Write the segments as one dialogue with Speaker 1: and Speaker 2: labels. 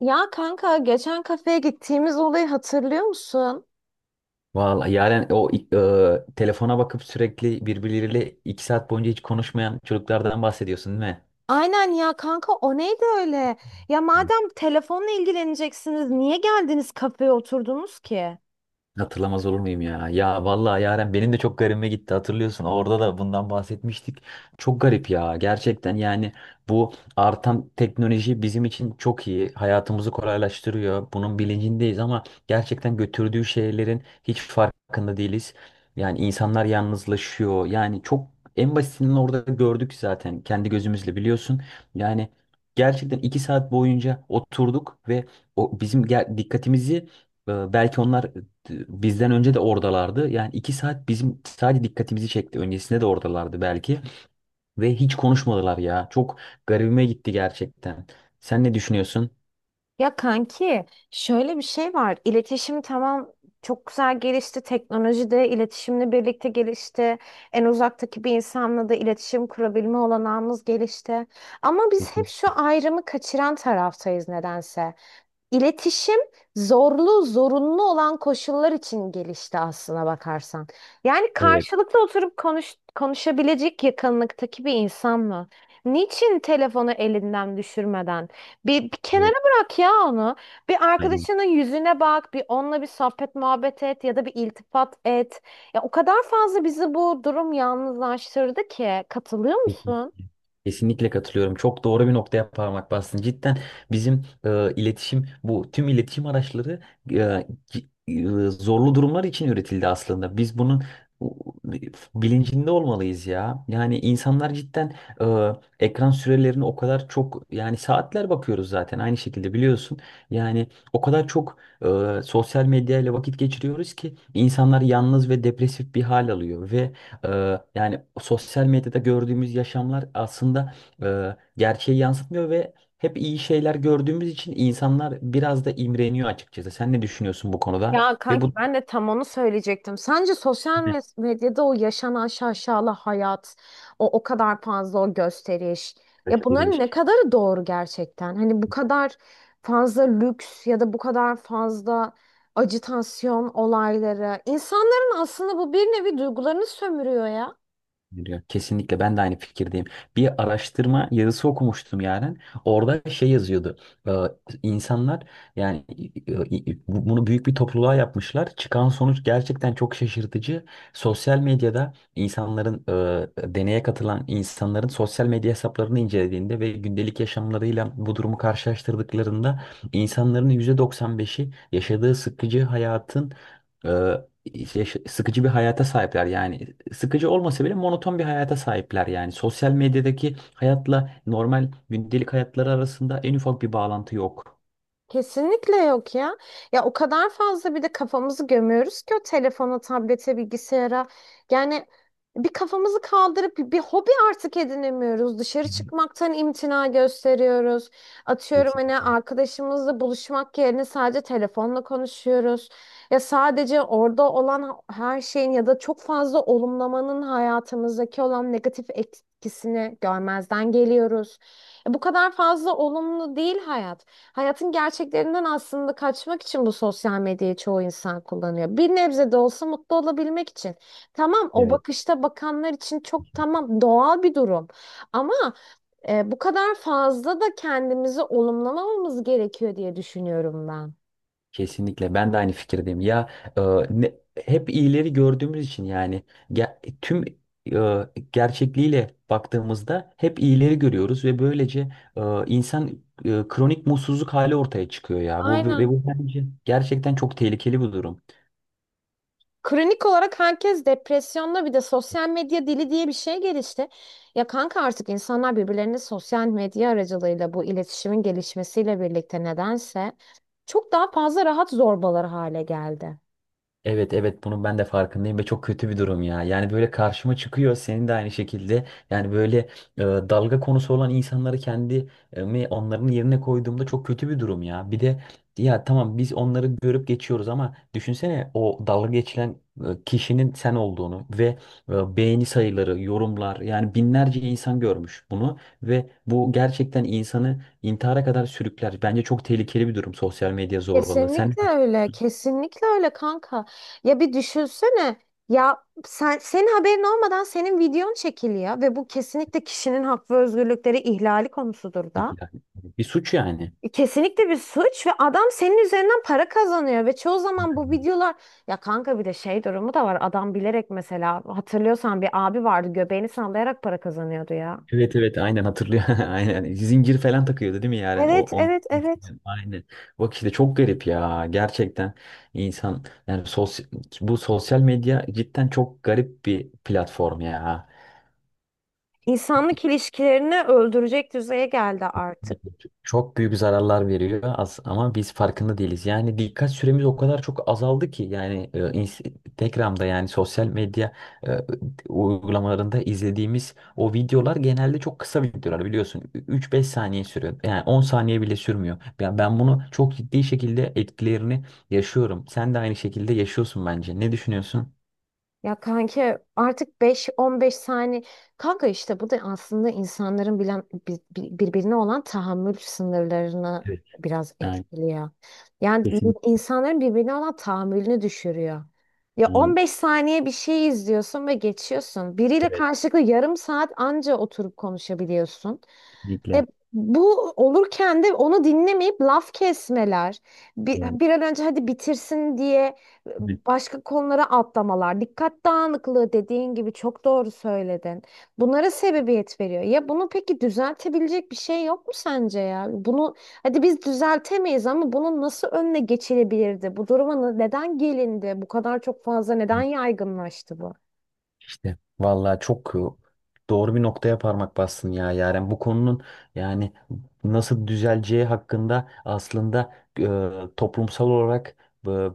Speaker 1: Ya kanka geçen kafeye gittiğimiz olayı hatırlıyor musun?
Speaker 2: Vallahi yani o telefona bakıp sürekli birbirleriyle iki saat boyunca hiç konuşmayan çocuklardan bahsediyorsun değil mi?
Speaker 1: Aynen ya kanka o neydi öyle? Ya madem telefonla ilgileneceksiniz niye geldiniz kafeye oturdunuz ki?
Speaker 2: Hatırlamaz olur muyum ya? Ya vallahi Yaren benim de çok garibime gitti hatırlıyorsun. Orada da bundan bahsetmiştik. Çok garip ya. Gerçekten yani bu artan teknoloji bizim için çok iyi. Hayatımızı kolaylaştırıyor. Bunun bilincindeyiz ama gerçekten götürdüğü şeylerin hiç farkında değiliz. Yani insanlar yalnızlaşıyor. Yani çok en basitinden orada gördük zaten kendi gözümüzle biliyorsun. Yani gerçekten iki saat boyunca oturduk ve o bizim dikkatimizi belki onlar bizden önce de oradalardı. Yani iki saat bizim sadece dikkatimizi çekti. Öncesinde de oradalardı belki. Ve hiç konuşmadılar ya. Çok garibime gitti gerçekten. Sen ne düşünüyorsun?
Speaker 1: Ya kanki şöyle bir şey var. İletişim tamam çok güzel gelişti. Teknoloji de iletişimle birlikte gelişti. En uzaktaki bir insanla da iletişim kurabilme olanağımız gelişti. Ama biz hep
Speaker 2: Kesin.
Speaker 1: şu ayrımı kaçıran taraftayız nedense. İletişim zorlu, zorunlu olan koşullar için gelişti aslına bakarsan. Yani
Speaker 2: Evet.
Speaker 1: karşılıklı oturup konuş, konuşabilecek yakınlıktaki bir insan mı? Niçin telefonu elinden düşürmeden? Bir kenara
Speaker 2: Evet.
Speaker 1: bırak ya onu. Bir
Speaker 2: Aynen.
Speaker 1: arkadaşının yüzüne bak, bir onunla bir sohbet muhabbet et ya da bir iltifat et. Ya o kadar fazla bizi bu durum yalnızlaştırdı ki. Katılıyor
Speaker 2: Kesinlikle.
Speaker 1: musun?
Speaker 2: Kesinlikle katılıyorum. Çok doğru bir noktaya parmak bastın. Cidden bizim iletişim, bu tüm iletişim araçları zorlu durumlar için üretildi aslında. Biz bunun e, bilincinde olmalıyız ya. Yani insanlar cidden ekran sürelerini o kadar çok yani saatler bakıyoruz zaten aynı şekilde biliyorsun. Yani o kadar çok sosyal medyayla vakit geçiriyoruz ki insanlar yalnız ve depresif bir hal alıyor ve yani sosyal medyada gördüğümüz yaşamlar aslında gerçeği yansıtmıyor ve hep iyi şeyler gördüğümüz için insanlar biraz da imreniyor açıkçası. Sen ne düşünüyorsun bu konuda?
Speaker 1: Ya
Speaker 2: Ve
Speaker 1: kanki
Speaker 2: bu
Speaker 1: ben de tam onu söyleyecektim. Sence sosyal medyada o yaşanan şaşalı hayat, o kadar fazla o gösteriş. Ya bunların ne kadarı doğru gerçekten? Hani bu kadar fazla lüks ya da bu kadar fazla ajitasyon olayları. İnsanların aslında bu bir nevi duygularını sömürüyor ya.
Speaker 2: Ya kesinlikle ben de aynı fikirdeyim. Bir araştırma yazısı okumuştum yani. Orada şey yazıyordu. Ee, insanlar yani e, bunu büyük bir topluluğa yapmışlar. Çıkan sonuç gerçekten çok şaşırtıcı. Sosyal medyada insanların deneye katılan insanların sosyal medya hesaplarını incelediğinde ve gündelik yaşamlarıyla bu durumu karşılaştırdıklarında insanların %95'i yaşadığı sıkıcı hayatın e, sıkıcı bir hayata sahipler yani sıkıcı olmasa bile monoton bir hayata sahipler yani. Sosyal medyadaki hayatla normal gündelik hayatları arasında en ufak bir bağlantı yok.
Speaker 1: Kesinlikle yok ya. Ya o kadar fazla bir de kafamızı gömüyoruz ki o telefona, tablete, bilgisayara. Yani bir kafamızı kaldırıp bir hobi artık edinemiyoruz. Dışarı
Speaker 2: Benim-
Speaker 1: çıkmaktan imtina gösteriyoruz. Atıyorum hani
Speaker 2: Kesinlikle.
Speaker 1: arkadaşımızla buluşmak yerine sadece telefonla konuşuyoruz. Ya sadece orada olan her şeyin ya da çok fazla olumlamanın hayatımızdaki olan negatif etkisini görmezden geliyoruz. Ya bu kadar fazla olumlu değil hayat. Hayatın gerçeklerinden aslında kaçmak için bu sosyal medyayı çoğu insan kullanıyor. Bir nebze de olsa mutlu olabilmek için. Tamam o
Speaker 2: Evet.
Speaker 1: bakışta bakanlar için çok tamam doğal bir durum. Ama bu kadar fazla da kendimizi olumlamamamız gerekiyor diye düşünüyorum ben.
Speaker 2: Kesinlikle ben de aynı fikirdeyim. Ya e, ne, hep iyileri gördüğümüz için yani ge- tüm gerçekliğiyle baktığımızda hep iyileri görüyoruz ve böylece insan kronik mutsuzluk hali ortaya çıkıyor ya. Bu ve
Speaker 1: Aynen.
Speaker 2: bu bence gerçekten çok tehlikeli bir durum.
Speaker 1: Kronik olarak herkes depresyonda bir de sosyal medya dili diye bir şey gelişti. Ya kanka artık insanlar birbirlerine sosyal medya aracılığıyla bu iletişimin gelişmesiyle birlikte nedense çok daha fazla rahat zorbalar hale geldi.
Speaker 2: Evet, evet, bunun ben de farkındayım ve çok kötü bir durum ya. Yani böyle karşıma çıkıyor senin de aynı şekilde. Yani böyle dalga konusu olan insanları kendimi onların yerine koyduğumda çok kötü bir durum ya. Bir de ya tamam biz onları görüp geçiyoruz ama düşünsene o dalga geçilen kişinin sen olduğunu ve beğeni sayıları, yorumlar yani binlerce insan görmüş bunu ve bu gerçekten insanı intihara kadar sürükler. Bence çok tehlikeli bir durum sosyal medya zorbalığı. Sen
Speaker 1: Kesinlikle
Speaker 2: ne
Speaker 1: öyle, kesinlikle öyle kanka. Ya bir düşünsene ya sen senin haberin olmadan senin videon çekiliyor ve bu kesinlikle kişinin hak ve özgürlükleri ihlali konusudur da.
Speaker 2: düşünüyorsun? Bir suç yani.
Speaker 1: Kesinlikle bir suç ve adam senin üzerinden para kazanıyor ve çoğu zaman bu videolar ya kanka bir de şey durumu da var adam bilerek mesela hatırlıyorsan bir abi vardı göbeğini sallayarak para kazanıyordu ya.
Speaker 2: Evet, evet, aynen hatırlıyor. Aynen. Zincir falan takıyordu değil mi yani? O
Speaker 1: Evet,
Speaker 2: on
Speaker 1: evet, evet.
Speaker 2: aynen. Bak işte çok garip ya. Gerçekten insan yani sosyal, bu sosyal medya cidden çok garip bir platform ya.
Speaker 1: İnsanlık ilişkilerini öldürecek düzeye geldi.
Speaker 2: Çok büyük zararlar veriyor az ama biz farkında değiliz. Yani dikkat süremiz o kadar çok azaldı ki yani Instagram'da yani sosyal medya e, uygulamalarında izlediğimiz o videolar genelde çok kısa videolar biliyorsun. Üç beş saniye sürüyor. Yani 10 saniye bile sürmüyor. Ben bunu çok ciddi şekilde etkilerini yaşıyorum. Sen de aynı şekilde yaşıyorsun bence. Ne düşünüyorsun?
Speaker 1: Ya kanki artık 5-15 saniye kanka işte bu da aslında insanların birbirine olan tahammül sınırlarını
Speaker 2: Evet,
Speaker 1: biraz
Speaker 2: yani
Speaker 1: etkiliyor. Yani
Speaker 2: kesinlikle.
Speaker 1: insanların birbirine olan tahammülünü düşürüyor. Ya on
Speaker 2: Yani,
Speaker 1: beş saniye bir şey izliyorsun ve geçiyorsun. Biriyle
Speaker 2: evet,
Speaker 1: karşılıklı yarım saat anca oturup konuşabiliyorsun. E,
Speaker 2: kesinlikle.
Speaker 1: Bu olurken de onu dinlemeyip laf kesmeler, bir an önce hadi bitirsin diye e,
Speaker 2: Evet.
Speaker 1: başka konulara atlamalar, dikkat dağınıklığı dediğin gibi çok doğru söyledin. Bunlara sebebiyet veriyor. Ya bunu peki düzeltebilecek bir şey yok mu sence ya? Bunu hadi biz düzeltemeyiz ama bunun nasıl önüne geçilebilirdi? Bu duruma neden gelindi? Bu kadar çok fazla neden yaygınlaştı bu?
Speaker 2: İşte vallahi çok doğru bir noktaya parmak bastın ya Yaren. Bu konunun yani nasıl düzeleceği hakkında aslında e, toplumsal olarak e,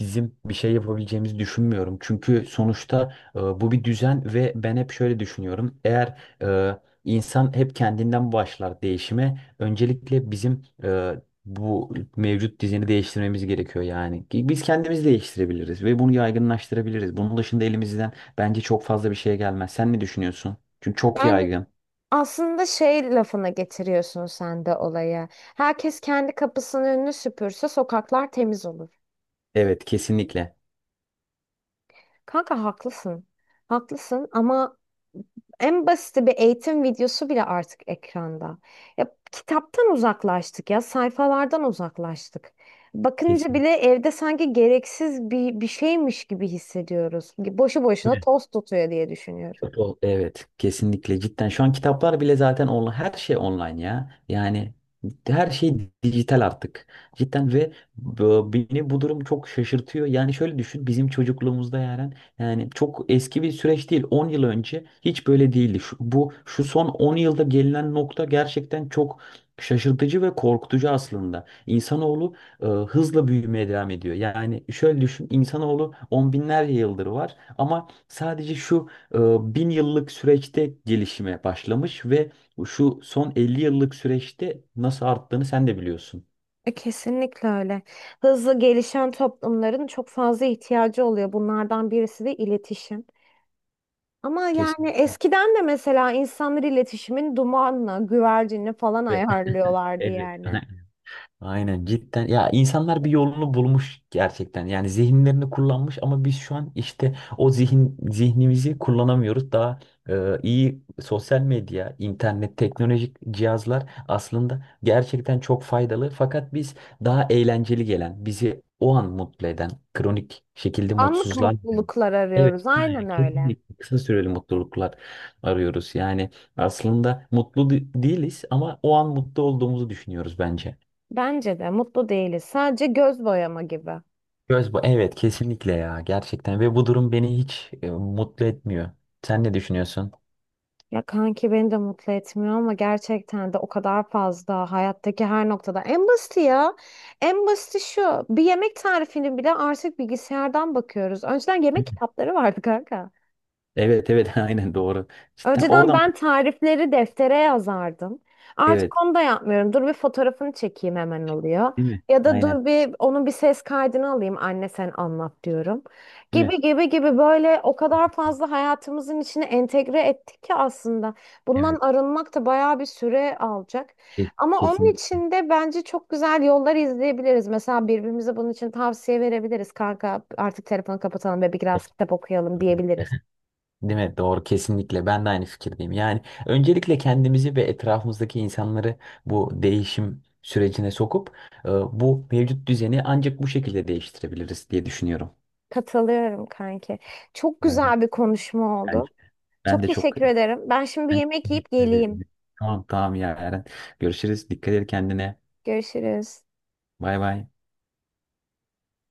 Speaker 2: bizim bir şey yapabileceğimizi düşünmüyorum. Çünkü sonuçta bu bir düzen ve ben hep şöyle düşünüyorum. Eğer insan hep kendinden başlar değişime, öncelikle bizim bu mevcut düzeni değiştirmemiz gerekiyor yani. Ki biz kendimiz değiştirebiliriz ve bunu yaygınlaştırabiliriz. Bunun dışında elimizden bence çok fazla bir şeye gelmez. Sen ne düşünüyorsun? Çünkü çok
Speaker 1: Yani.
Speaker 2: yaygın.
Speaker 1: Aslında şey lafına getiriyorsun sen de olaya. Herkes kendi kapısının önünü süpürse sokaklar temiz olur.
Speaker 2: Evet, kesinlikle.
Speaker 1: Kanka haklısın. Haklısın ama en basiti bir eğitim videosu bile artık ekranda. Ya kitaptan uzaklaştık ya, sayfalardan uzaklaştık. Bakınca
Speaker 2: Kesin.
Speaker 1: bile evde sanki gereksiz bir şeymiş gibi hissediyoruz. Boşu boşuna toz tutuyor diye düşünüyorum.
Speaker 2: Evet, kesinlikle cidden. Şu an kitaplar bile zaten online, her şey online ya. Yani her şey dijital artık. Cidden ve beni bu durum çok şaşırtıyor. Yani şöyle düşün, bizim çocukluğumuzda yani yani çok eski bir süreç değil. On yıl önce hiç böyle değildi. Şu son 10 yılda gelinen nokta gerçekten çok şaşırtıcı ve korkutucu aslında. İnsanoğlu hızla büyümeye devam ediyor. Yani şöyle düşün, insanoğlu on binlerce yıldır var ama sadece şu e, bin yıllık süreçte gelişime başlamış ve şu son 50 yıllık süreçte nasıl arttığını sen de biliyorsun.
Speaker 1: Kesinlikle öyle. Hızlı gelişen toplumların çok fazla ihtiyacı oluyor. Bunlardan birisi de iletişim. Ama yani
Speaker 2: Kesinlikle.
Speaker 1: eskiden de mesela insanlar iletişimin dumanla, güvercinle falan ayarlıyorlardı
Speaker 2: Evet.
Speaker 1: yani.
Speaker 2: Aynen cidden ya insanlar bir yolunu bulmuş gerçekten yani zihinlerini kullanmış ama biz şu an işte o zihin zihnimizi kullanamıyoruz daha iyi sosyal medya internet teknolojik cihazlar aslında gerçekten çok faydalı fakat biz daha eğlenceli gelen bizi o an mutlu eden kronik şekilde
Speaker 1: Anlık
Speaker 2: mutsuzluğa giden
Speaker 1: mutluluklar
Speaker 2: Evet,
Speaker 1: arıyoruz.
Speaker 2: aynen.
Speaker 1: Aynen öyle.
Speaker 2: Kesinlikle kısa süreli mutluluklar arıyoruz. Yani aslında değiliz ama o an mutlu olduğumuzu düşünüyoruz bence.
Speaker 1: Bence de mutlu değiliz. Sadece göz boyama gibi.
Speaker 2: Göz bu. Evet, kesinlikle ya, gerçekten ve bu durum beni hiç mutlu etmiyor. Sen ne düşünüyorsun?
Speaker 1: Ya kanki beni de mutlu etmiyor ama gerçekten de o kadar fazla hayattaki her noktada. En basiti ya. En basiti şu. Bir yemek tarifini bile artık bilgisayardan bakıyoruz. Önceden yemek
Speaker 2: Değil mi?
Speaker 1: kitapları vardı kanka.
Speaker 2: Evet, evet, aynen doğru. Cidden
Speaker 1: Önceden
Speaker 2: oradan
Speaker 1: ben tarifleri deftere yazardım. Artık
Speaker 2: evet,
Speaker 1: onu da yapmıyorum. Dur bir fotoğrafını çekeyim hemen oluyor.
Speaker 2: değil mi?
Speaker 1: Ya da
Speaker 2: Aynen,
Speaker 1: dur bir onun bir ses kaydını alayım anne sen anlat diyorum.
Speaker 2: değil mi?
Speaker 1: Gibi gibi gibi böyle o kadar fazla hayatımızın içine entegre ettik ki aslında. Bundan
Speaker 2: Evet,
Speaker 1: arınmak da bayağı bir süre alacak. Ama
Speaker 2: kesin,
Speaker 1: onun için de bence çok güzel yollar izleyebiliriz. Mesela birbirimize bunun için tavsiye verebiliriz. Kanka artık telefonu kapatalım ve biraz kitap okuyalım diyebiliriz.
Speaker 2: değil mi? Doğru, kesinlikle ben de aynı fikirdeyim. Yani öncelikle kendimizi ve etrafımızdaki insanları bu değişim sürecine sokup bu mevcut düzeni ancak bu şekilde değiştirebiliriz diye düşünüyorum.
Speaker 1: Katılıyorum kanki. Çok
Speaker 2: Yani
Speaker 1: güzel bir konuşma oldu.
Speaker 2: bence- ben
Speaker 1: Çok
Speaker 2: de çok
Speaker 1: teşekkür ederim. Ben şimdi bir
Speaker 2: ben
Speaker 1: yemek yiyip
Speaker 2: teşekkür ederim.
Speaker 1: geleyim.
Speaker 2: Tamam, tamam ya Eren. Görüşürüz. Dikkat et kendine.
Speaker 1: Görüşürüz.
Speaker 2: Bay bay.